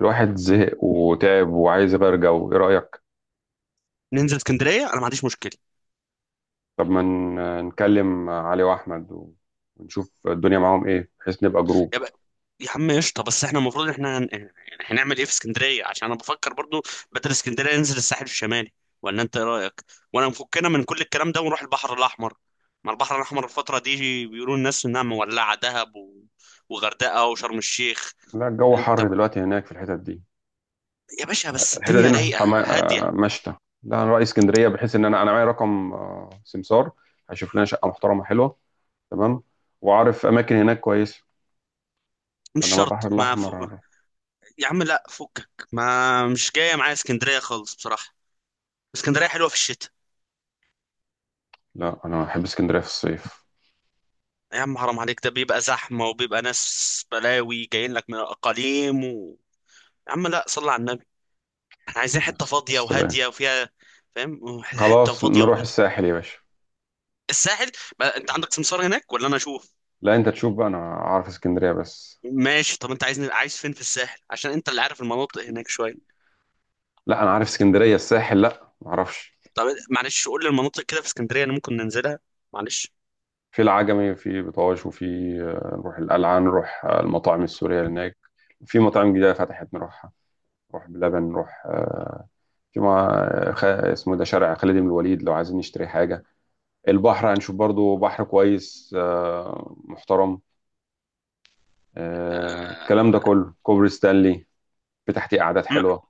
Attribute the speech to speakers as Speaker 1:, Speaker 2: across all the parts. Speaker 1: الواحد زهق وتعب وعايز يغير جو، ايه رأيك؟
Speaker 2: ننزل اسكندريه. انا ما عنديش مشكله.
Speaker 1: طب ما نكلم علي واحمد ونشوف الدنيا معاهم ايه، بحيث نبقى جروب.
Speaker 2: يبقى، يا عم قشطه. بس احنا المفروض يعني هنعمل ايه في اسكندريه؟ عشان انا بفكر برضو بدل اسكندريه ننزل الساحل الشمالي، ولا انت ايه رايك؟ ولا مفكنا من كل الكلام ده ونروح البحر الاحمر؟ ما البحر الاحمر الفتره دي بيقولوا الناس انها مولعه، دهب وغردقه وشرم الشيخ.
Speaker 1: لا، الجو
Speaker 2: انت
Speaker 1: حر
Speaker 2: ما-
Speaker 1: دلوقتي هناك في الحتت دي.
Speaker 2: يا باشا، بس
Speaker 1: الحتت دي
Speaker 2: الدنيا
Speaker 1: نروح
Speaker 2: رايقه هاديه.
Speaker 1: مشتى. لا، انا رأي اسكندرية بحيث ان انا معايا رقم سمسار. هشوف لنا شقة محترمة حلوة. تمام. وعارف اماكن هناك كويسة.
Speaker 2: مش
Speaker 1: انما البحر
Speaker 2: شرط ما فوق...
Speaker 1: الاحمر.
Speaker 2: يا عم لا، فكك، ما مش جايه معايا اسكندريه خالص بصراحه. اسكندريه حلوه في الشتاء.
Speaker 1: لا، انا بحب اسكندرية في الصيف.
Speaker 2: يا عم حرام عليك، ده بيبقى زحمة وبيبقى ناس بلاوي جايين لك من الأقاليم يا عم لا، صلي على النبي. احنا عايزين حتة
Speaker 1: بس
Speaker 2: فاضية
Speaker 1: السلام.
Speaker 2: وهادية وفيها، فاهم؟ حتة
Speaker 1: خلاص،
Speaker 2: فاضية
Speaker 1: نروح
Speaker 2: وهادية.
Speaker 1: الساحل يا باشا.
Speaker 2: الساحل. بقى انت عندك سمسار هناك ولا انا اشوف؟
Speaker 1: لا، انت تشوف بقى، انا عارف اسكندرية بس.
Speaker 2: ماشي. طب انت عايزني عايز فين في الساحل؟ عشان انت اللي عارف المناطق هناك شوية.
Speaker 1: لا، انا عارف اسكندريه، الساحل لا ما اعرفش.
Speaker 2: طب معلش، قول لي المناطق كده في اسكندرية اللي ممكن ننزلها. معلش.
Speaker 1: في العجمي، في بطاش، وفي نروح القلعه، نروح المطاعم السوريه هناك. في مطاعم جديده فتحت نروحها. نروح بلبن، نروح في مع اسمه ده شارع خالد بن الوليد، لو عايزين نشتري حاجه. البحر هنشوف برضو بحر كويس محترم.
Speaker 2: آه...
Speaker 1: الكلام ده كله كوبري ستانلي. في تحتيه قعدات
Speaker 2: مع-
Speaker 1: حلوه.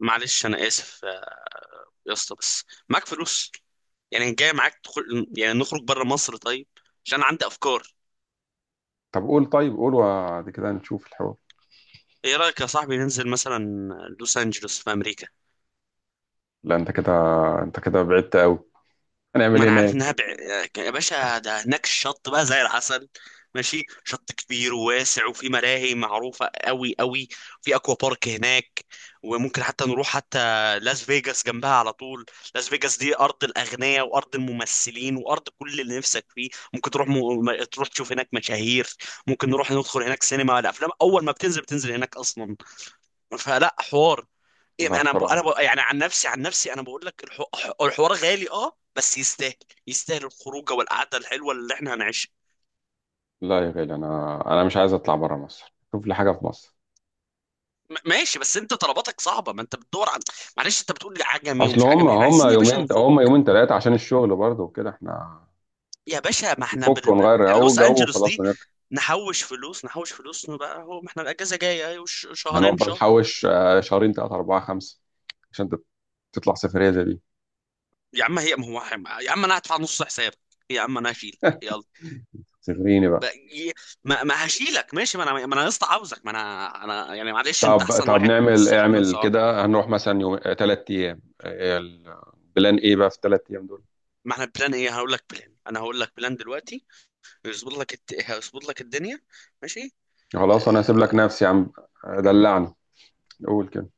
Speaker 2: معلش انا اسف. يا اسطى بس معاك فلوس؟ يعني يعني نخرج بره مصر طيب، عشان عندي افكار.
Speaker 1: طب قول، طيب قول، وبعد كده نشوف الحوار.
Speaker 2: ايه رايك يا صاحبي ننزل مثلا لوس انجلوس في امريكا؟
Speaker 1: لا، انت كده، انت كده بعدت قوي. هنعمل
Speaker 2: ما
Speaker 1: ايه
Speaker 2: انا عارف انها
Speaker 1: هناك؟
Speaker 2: بع... يا باشا، ده هناك الشط بقى زي العسل، ماشي. شط كبير وواسع وفي ملاهي معروفه قوي قوي. في اكوا بارك هناك. وممكن حتى نروح حتى لاس فيجاس جنبها على طول. لاس فيجاس دي ارض الاغنياء وارض الممثلين وارض كل اللي نفسك فيه. ممكن تروح تروح تشوف هناك مشاهير. ممكن نروح ندخل هناك سينما، الافلام اول ما بتنزل بتنزل هناك اصلا. فلا حوار.
Speaker 1: لا، بصراحه.
Speaker 2: يعني عن نفسي، عن نفسي انا بقول لك الحوار غالي اه بس يستاهل. يستاهل الخروجه والقعده الحلوه اللي احنا هنعيشها.
Speaker 1: لا يا غالي، انا مش عايز اطلع بره مصر، شوف لي حاجه في مصر.
Speaker 2: ماشي، بس انت طلباتك صعبه، ما انت بتدور عن... معلش، انت بتقول لي عجمي
Speaker 1: اصل
Speaker 2: ومش
Speaker 1: هم
Speaker 2: عجمي، احنا
Speaker 1: هم
Speaker 2: عايزين يا باشا
Speaker 1: يومين،
Speaker 2: نفوق.
Speaker 1: هم يومين ثلاثه، عشان الشغل برضه وكده احنا
Speaker 2: يا باشا ما احنا
Speaker 1: نفك
Speaker 2: بر...
Speaker 1: ونغير
Speaker 2: ب...
Speaker 1: جو
Speaker 2: لوس
Speaker 1: جو
Speaker 2: انجلوس
Speaker 1: وخلاص
Speaker 2: دي
Speaker 1: ونرجع.
Speaker 2: نحوش فلوس، نحوش فلوس بقى. هو ما احنا الاجازه جايه
Speaker 1: هنقعد
Speaker 2: شهرين
Speaker 1: بقى
Speaker 2: شهر.
Speaker 1: نحوش شهرين ثلاثه اربعه خمسه. عشان تطلع سفريه زي دي.
Speaker 2: يا عم هي ما هو، يا عم انا هدفع نص حسابك، يا عم انا هشيل.
Speaker 1: سفريني
Speaker 2: ب-
Speaker 1: بقى.
Speaker 2: ي- ما، ما هشيلك ماشي، ما انا ما انا يا اسطى عاوزك، ما انا انا يعني معلش، انت
Speaker 1: طب
Speaker 2: احسن
Speaker 1: طب
Speaker 2: واحد صحاب من
Speaker 1: اعمل
Speaker 2: صحاب.
Speaker 1: كده، هنروح مثلا يوم 3 ايام، البلان ايه بقى في 3 ايام دول؟
Speaker 2: ما احنا بلان ايه؟ هقول لك بلان، انا هقول لك بلان دلوقتي، يظبط لك هيظبط لك الدنيا. ماشي.
Speaker 1: خلاص، انا هسيب لك
Speaker 2: آه...
Speaker 1: نفسي يا عم. دلعني. قول كده.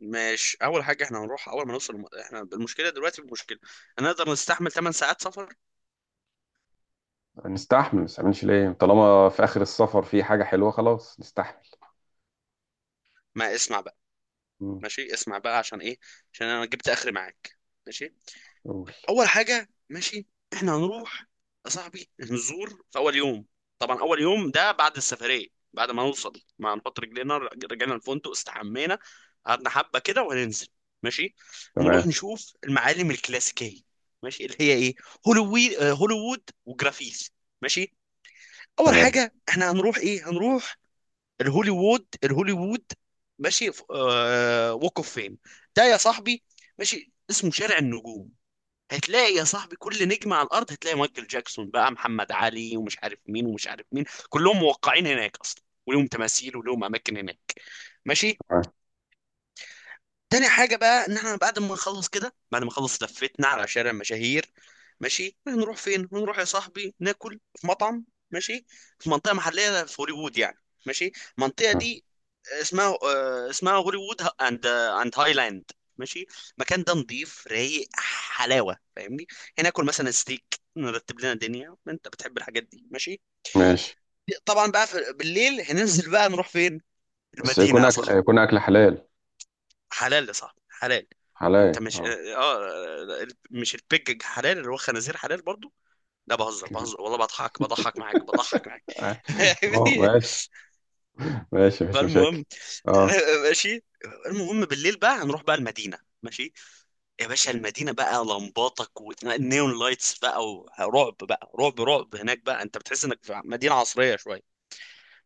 Speaker 2: ماشي. اول حاجه احنا هنروح، اول ما نوصل احنا المشكله دلوقتي المشكله، هنقدر نستحمل 8 ساعات سفر؟
Speaker 1: نستحمل، ما نستحملش ليه؟ طالما في آخر السفر في حاجة حلوة، خلاص نستحمل.
Speaker 2: ما اسمع بقى.
Speaker 1: مم.
Speaker 2: ماشي، اسمع بقى عشان ايه، عشان انا جبت اخري معاك. ماشي.
Speaker 1: قول.
Speaker 2: اول حاجه، ماشي، احنا هنروح يا صاحبي نزور في اول يوم، طبعا اول يوم ده بعد السفريه، بعد ما نوصل ما نحط رجلينا رجعنا الفندق استحمينا قعدنا حبه كده وهننزل. ماشي.
Speaker 1: تمام.
Speaker 2: هنروح نشوف المعالم الكلاسيكيه، ماشي، اللي هي ايه، هوليوود. هوليوود وجرافيث. ماشي. اول
Speaker 1: تمام،
Speaker 2: حاجه احنا هنروح ايه؟ هنروح الهوليوود. الهوليوود. ماشي. ووك اوف فيم، ده يا صاحبي، ماشي، اسمه شارع النجوم. هتلاقي يا صاحبي كل نجم على الارض، هتلاقي مايكل جاكسون بقى، محمد علي، ومش عارف مين ومش عارف مين، كلهم موقعين هناك اصلا، ولهم تماثيل ولهم اماكن هناك. ماشي.
Speaker 1: تمام،
Speaker 2: تاني حاجة بقى إن إحنا بعد ما نخلص كده، بعد ما نخلص لفتنا على شارع المشاهير، ماشي، هنروح فين؟ هنروح يا صاحبي ناكل في مطعم، ماشي، في منطقة محلية في هوليوود يعني. ماشي. المنطقة
Speaker 1: تمام،
Speaker 2: دي اسمها اسمها هوليوود أند هايلاند. ماشي. المكان ده نضيف رايق حلاوة، فاهمني؟ هناكل مثلا ستيك، نرتب لنا الدنيا، أنت بتحب الحاجات دي ماشي؟
Speaker 1: ماشي،
Speaker 2: طبعا بقى في بالليل هننزل بقى، نروح فين؟
Speaker 1: بس
Speaker 2: المدينة يا صاحبي.
Speaker 1: يكون أكل حلال.
Speaker 2: حلال يا صاحبي، حلال.
Speaker 1: حلال،
Speaker 2: انت مش
Speaker 1: اه.
Speaker 2: اه مش البيج حلال اللي هو خنازير حلال برضو؟ لا بهزر بهزر، والله بضحك بضحك معاك بضحك معاك.
Speaker 1: اه، ماشي. ماشي، مفيش مشاكل.
Speaker 2: فالمهم،
Speaker 1: اه.
Speaker 2: ماشي. المهم بالليل بقى هنروح بقى المدينة، ماشي. يا باشا المدينة بقى لمباتك والنيون لايتس بقى، ورعب بقى، رعب رعب هناك بقى، انت بتحس انك في مدينة عصرية شوية.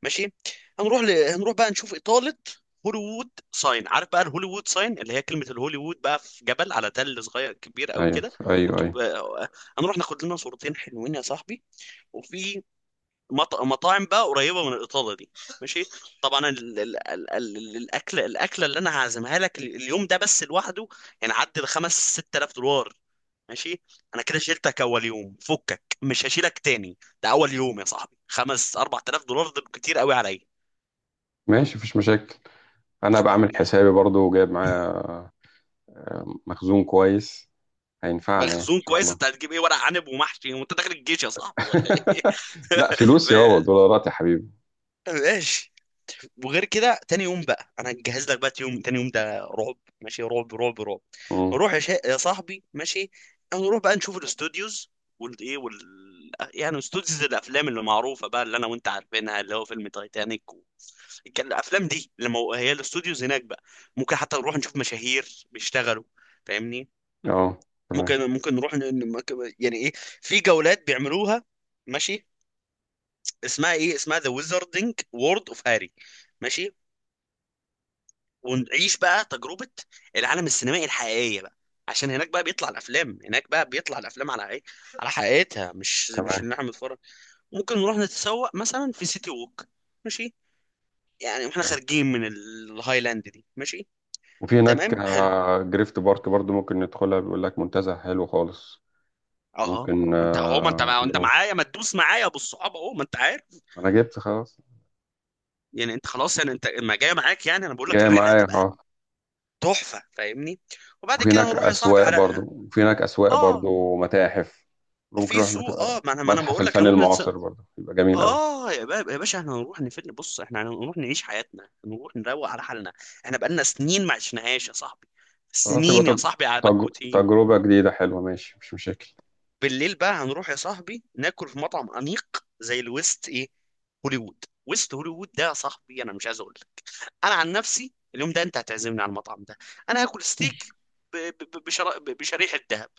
Speaker 2: ماشي. هنروح بقى نشوف إطالة. هوليوود ساين، عارف بقى الهوليوود ساين اللي هي كلمة الهوليوود بقى في جبل على تل، صغير كبير قوي
Speaker 1: ايوه،
Speaker 2: كده،
Speaker 1: ايوه،
Speaker 2: مكتوب.
Speaker 1: ايوه.
Speaker 2: هنروح ناخد لنا صورتين حلوين يا صاحبي، وفي مطاعم بقى قريبة من الإطالة دي. ماشي. طبعا الأكل، الأكلة اللي أنا هعزمها لك اليوم ده بس لوحده يعني عدى الخمس ست آلاف دولار. ماشي. انا كده شيلتك اول يوم، فكك مش هشيلك تاني، ده اول يوم يا صاحبي خمس اربع تلاف دولار، ده كتير قوي عليا.
Speaker 1: ماشي، مفيش مشاكل. انا بعمل حسابي برضو وجايب معايا مخزون كويس. هينفعنا يعني ان
Speaker 2: مخزون
Speaker 1: شاء
Speaker 2: كويس،
Speaker 1: الله.
Speaker 2: انت هتجيب ايه، ورق عنب ومحشي وانت داخل الجيش يا صاحبي ولا ايه؟
Speaker 1: لا، فلوس يا بابا، دولارات يا حبيبي.
Speaker 2: ماشي. وغير كده تاني يوم بقى انا هجهز لك بقى، تاني يوم، تاني يوم ده رعب، ماشي، رعب رعب رعب.
Speaker 1: مم.
Speaker 2: نروح يا صاحبي، ماشي، نروح بقى نشوف الاستوديوز والايه وال... يعني استوديوز الافلام اللي معروفه بقى، اللي انا وانت عارفينها، اللي هو فيلم تايتانيك كان الافلام دي، هي الاستوديوز هناك بقى. ممكن حتى نروح نشوف مشاهير بيشتغلوا، فاهمني؟
Speaker 1: اه. تمام،
Speaker 2: ممكن نروح يعني ايه، في جولات بيعملوها، ماشي، اسمها ايه، اسمها ذا ويزاردنج وورد اوف هاري. ماشي. ونعيش بقى تجربة العالم السينمائي الحقيقية بقى، عشان هناك بقى بيطلع الافلام، هناك بقى بيطلع الافلام على ايه، على حقيقتها، مش
Speaker 1: تمام.
Speaker 2: اللي احنا بنتفرج. ممكن نروح نتسوق مثلا في سيتي ووك، ماشي، يعني واحنا خارجين من الهايلاند دي ماشي.
Speaker 1: وفي هناك
Speaker 2: تمام حلو.
Speaker 1: جريفت بارك برضو، ممكن ندخلها، بيقول لك منتزه حلو خالص.
Speaker 2: اه
Speaker 1: ممكن
Speaker 2: ما انت اهو، ما انت ما انت
Speaker 1: نروح.
Speaker 2: معايا، ما تدوس معايا بالصحاب، اهو ما انت عارف.
Speaker 1: انا جبت خلاص.
Speaker 2: يعني انت خلاص يعني، انت ما جاي معاك يعني انا بقول لك
Speaker 1: جاي
Speaker 2: الرحله
Speaker 1: معايا،
Speaker 2: هتبقى
Speaker 1: اه.
Speaker 2: تحفه، فاهمني؟ وبعد كده هنروح يا صاحبي على...
Speaker 1: وفي هناك اسواق
Speaker 2: اه
Speaker 1: برضو متاحف. ممكن
Speaker 2: في
Speaker 1: نروح
Speaker 2: سوق، اه ما انا ما انا
Speaker 1: متحف
Speaker 2: بقول لك
Speaker 1: الفن
Speaker 2: هنروح نتس...
Speaker 1: المعاصر برضو، يبقى جميل قوي.
Speaker 2: اه يا باشا، احنا هنروح نفل، بص، احنا هنروح نعيش حياتنا، هنروح نروق على حالنا، احنا بقالنا سنين ما عشناهاش يا صاحبي،
Speaker 1: فتبقى
Speaker 2: سنين يا صاحبي على مكبوتين.
Speaker 1: تجربة جديدة حلوة، ماشي، مش مشاكل.
Speaker 2: بالليل بقى هنروح يا صاحبي ناكل في مطعم انيق زي الويست ايه، هوليوود ويست، هوليوود ده يا صاحبي انا مش عايز اقول لك. انا عن نفسي اليوم ده انت هتعزمني على المطعم ده، انا هاكل ستيك بشريحه ذهب.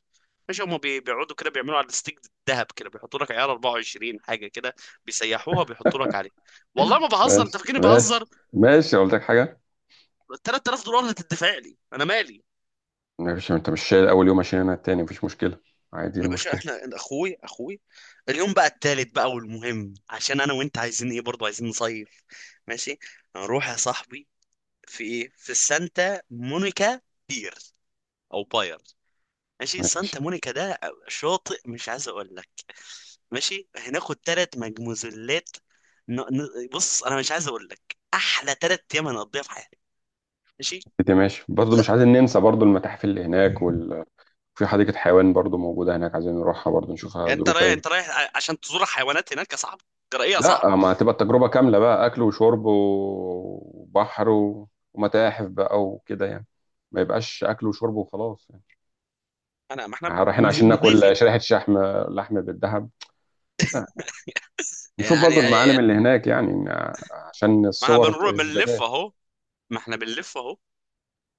Speaker 2: مش هما بيقعدوا كده بيعملوا على الستيك الذهب كده، بيحطوا لك عيار 24 حاجه كده، بيسيحوها بيحطوا لك عليه. والله ما بهزر، انت
Speaker 1: ماشي،
Speaker 2: فاكرني
Speaker 1: ماشي.
Speaker 2: بهزر؟
Speaker 1: ماشي، قلت لك حاجة؟
Speaker 2: 3000 دولار هتدفع لي انا مالي.
Speaker 1: ماشي، انت مش شايل اول يوم؟ عشان انا التاني مفيش مشكلة. عادي، إيه
Speaker 2: يا باشا
Speaker 1: المشكلة؟
Speaker 2: احنا اخوي اخوي. اليوم بقى التالت بقى، والمهم عشان انا وانت عايزين ايه برضه، عايزين نصيف. ماشي. هنروح يا صاحبي في ايه، في السانتا مونيكا بير او باير، ماشي، سانتا
Speaker 1: ماشي.
Speaker 2: مونيكا ده شاطئ مش عايز اقول لك. ماشي. هناخد ثلاث مجموزلات، بص، انا مش عايز اقول لك، احلى ثلاث ايام هنقضيها في حياتي. ماشي.
Speaker 1: انت ماشي، برضه مش
Speaker 2: لا،
Speaker 1: عايزين ننسى برضه المتاحف اللي هناك. في حديقة حيوان برضه موجودة هناك، عايزين نروحها برضه، نشوفها
Speaker 2: يعني انت
Speaker 1: ظروفها
Speaker 2: رايح،
Speaker 1: ايه.
Speaker 2: انت رايح عشان تزور حيوانات هناك يا صاحبي؟ ترى ايه يا صاحبي؟
Speaker 1: لا، ما هتبقى التجربة كاملة بقى: أكل وشرب وبحر ومتاحف بقى وكده يعني. ما يبقاش أكل وشرب وخلاص يعني.
Speaker 2: انا ما احنا
Speaker 1: رايحين عشان
Speaker 2: نضيف
Speaker 1: ناكل شريحة شحم؟ لحم بالذهب. لا. نشوف
Speaker 2: يعني،
Speaker 1: برضه المعالم اللي هناك يعني. عشان
Speaker 2: ما احنا
Speaker 1: الصور
Speaker 2: بنروح بنلف
Speaker 1: إثباتات.
Speaker 2: اهو، ما احنا بنلف اهو،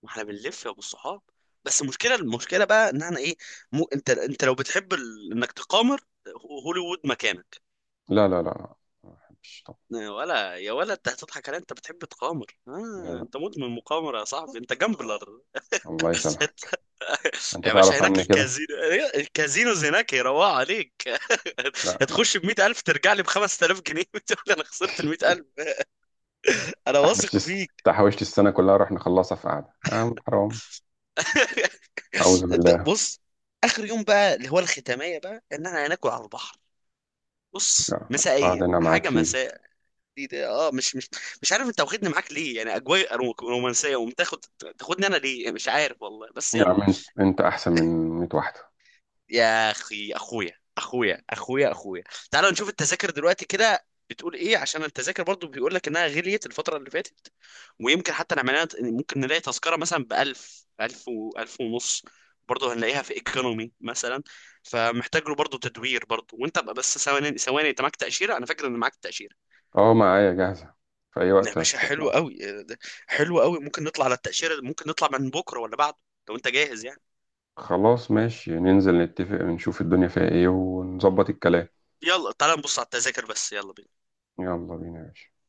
Speaker 2: ما احنا بنلف يا ابو الصحاب. بس المشكله، المشكله بقى ان احنا ايه، مو انت انت لو بتحب انك تقامر، هوليوود مكانك.
Speaker 1: لا، لا، لا، لا. ما بحبش طبعا.
Speaker 2: يا ولا، يا ولا، انت هتضحك علي، انت بتحب تقامر،
Speaker 1: لا،
Speaker 2: آه،
Speaker 1: لا.
Speaker 2: انت مدمن مقامرة يا صاحبي، انت جامبلر.
Speaker 1: الله يسامحك.
Speaker 2: انت-
Speaker 1: أنت
Speaker 2: يا باشا
Speaker 1: تعرف
Speaker 2: هناك
Speaker 1: عني كده.
Speaker 2: الكازينو، الكازينوز هناك يروقوا عليك.
Speaker 1: لا، لا.
Speaker 2: هتخش ب 100000 ترجع لي ب 5000 جنيه، وتقول انا خسرت ال 100000. انا واثق فيك.
Speaker 1: تحوشت السنة كلها، راح نخلصها في قعدة، آه حرام. أعوذ
Speaker 2: انت
Speaker 1: بالله.
Speaker 2: بص، اخر يوم بقى اللي هو الختامية بقى ان انا هناكل على البحر، بص،
Speaker 1: لا. قعدة
Speaker 2: مسائية،
Speaker 1: أنا معاك
Speaker 2: حاجة
Speaker 1: فيه دي.
Speaker 2: مساء. دي ده اه مش مش، مش عارف انت واخدني معاك ليه، يعني اجواء رومانسية ومتاخد، تاخدني انا ليه مش عارف والله، بس
Speaker 1: يا
Speaker 2: يلا.
Speaker 1: عم، أنت أحسن من 100 واحدة.
Speaker 2: يا اخي، اخويا، اخويا، اخويا، اخويا، تعالوا نشوف التذاكر دلوقتي كده بتقول ايه، عشان التذاكر برضو بيقول لك انها غليت الفتره اللي فاتت، ويمكن حتى نعمل لها، ممكن نلاقي تذكره مثلا ب 1000، 1000 و 1000 ونص، برضه هنلاقيها في ايكونومي مثلا. فمحتاج له برضه تدوير برضه، وانت بقى بس ثواني، انت معاك تاشيره؟ انا فاكر ان معاك تاشيره.
Speaker 1: أه، معايا جاهزة. في أي
Speaker 2: يا
Speaker 1: وقت
Speaker 2: باشا حلو
Speaker 1: هتطلع.
Speaker 2: قوي، حلو قوي. ممكن نطلع على التاشيره، ممكن نطلع من بكره ولا بعده، لو انت جاهز يعني.
Speaker 1: خلاص، ماشي، ننزل نتفق، نشوف الدنيا فيها إيه، ونظبط الكلام.
Speaker 2: يلا تعال نبص على التذاكر بس، يلا بينا.
Speaker 1: يلا بينا يا باشا.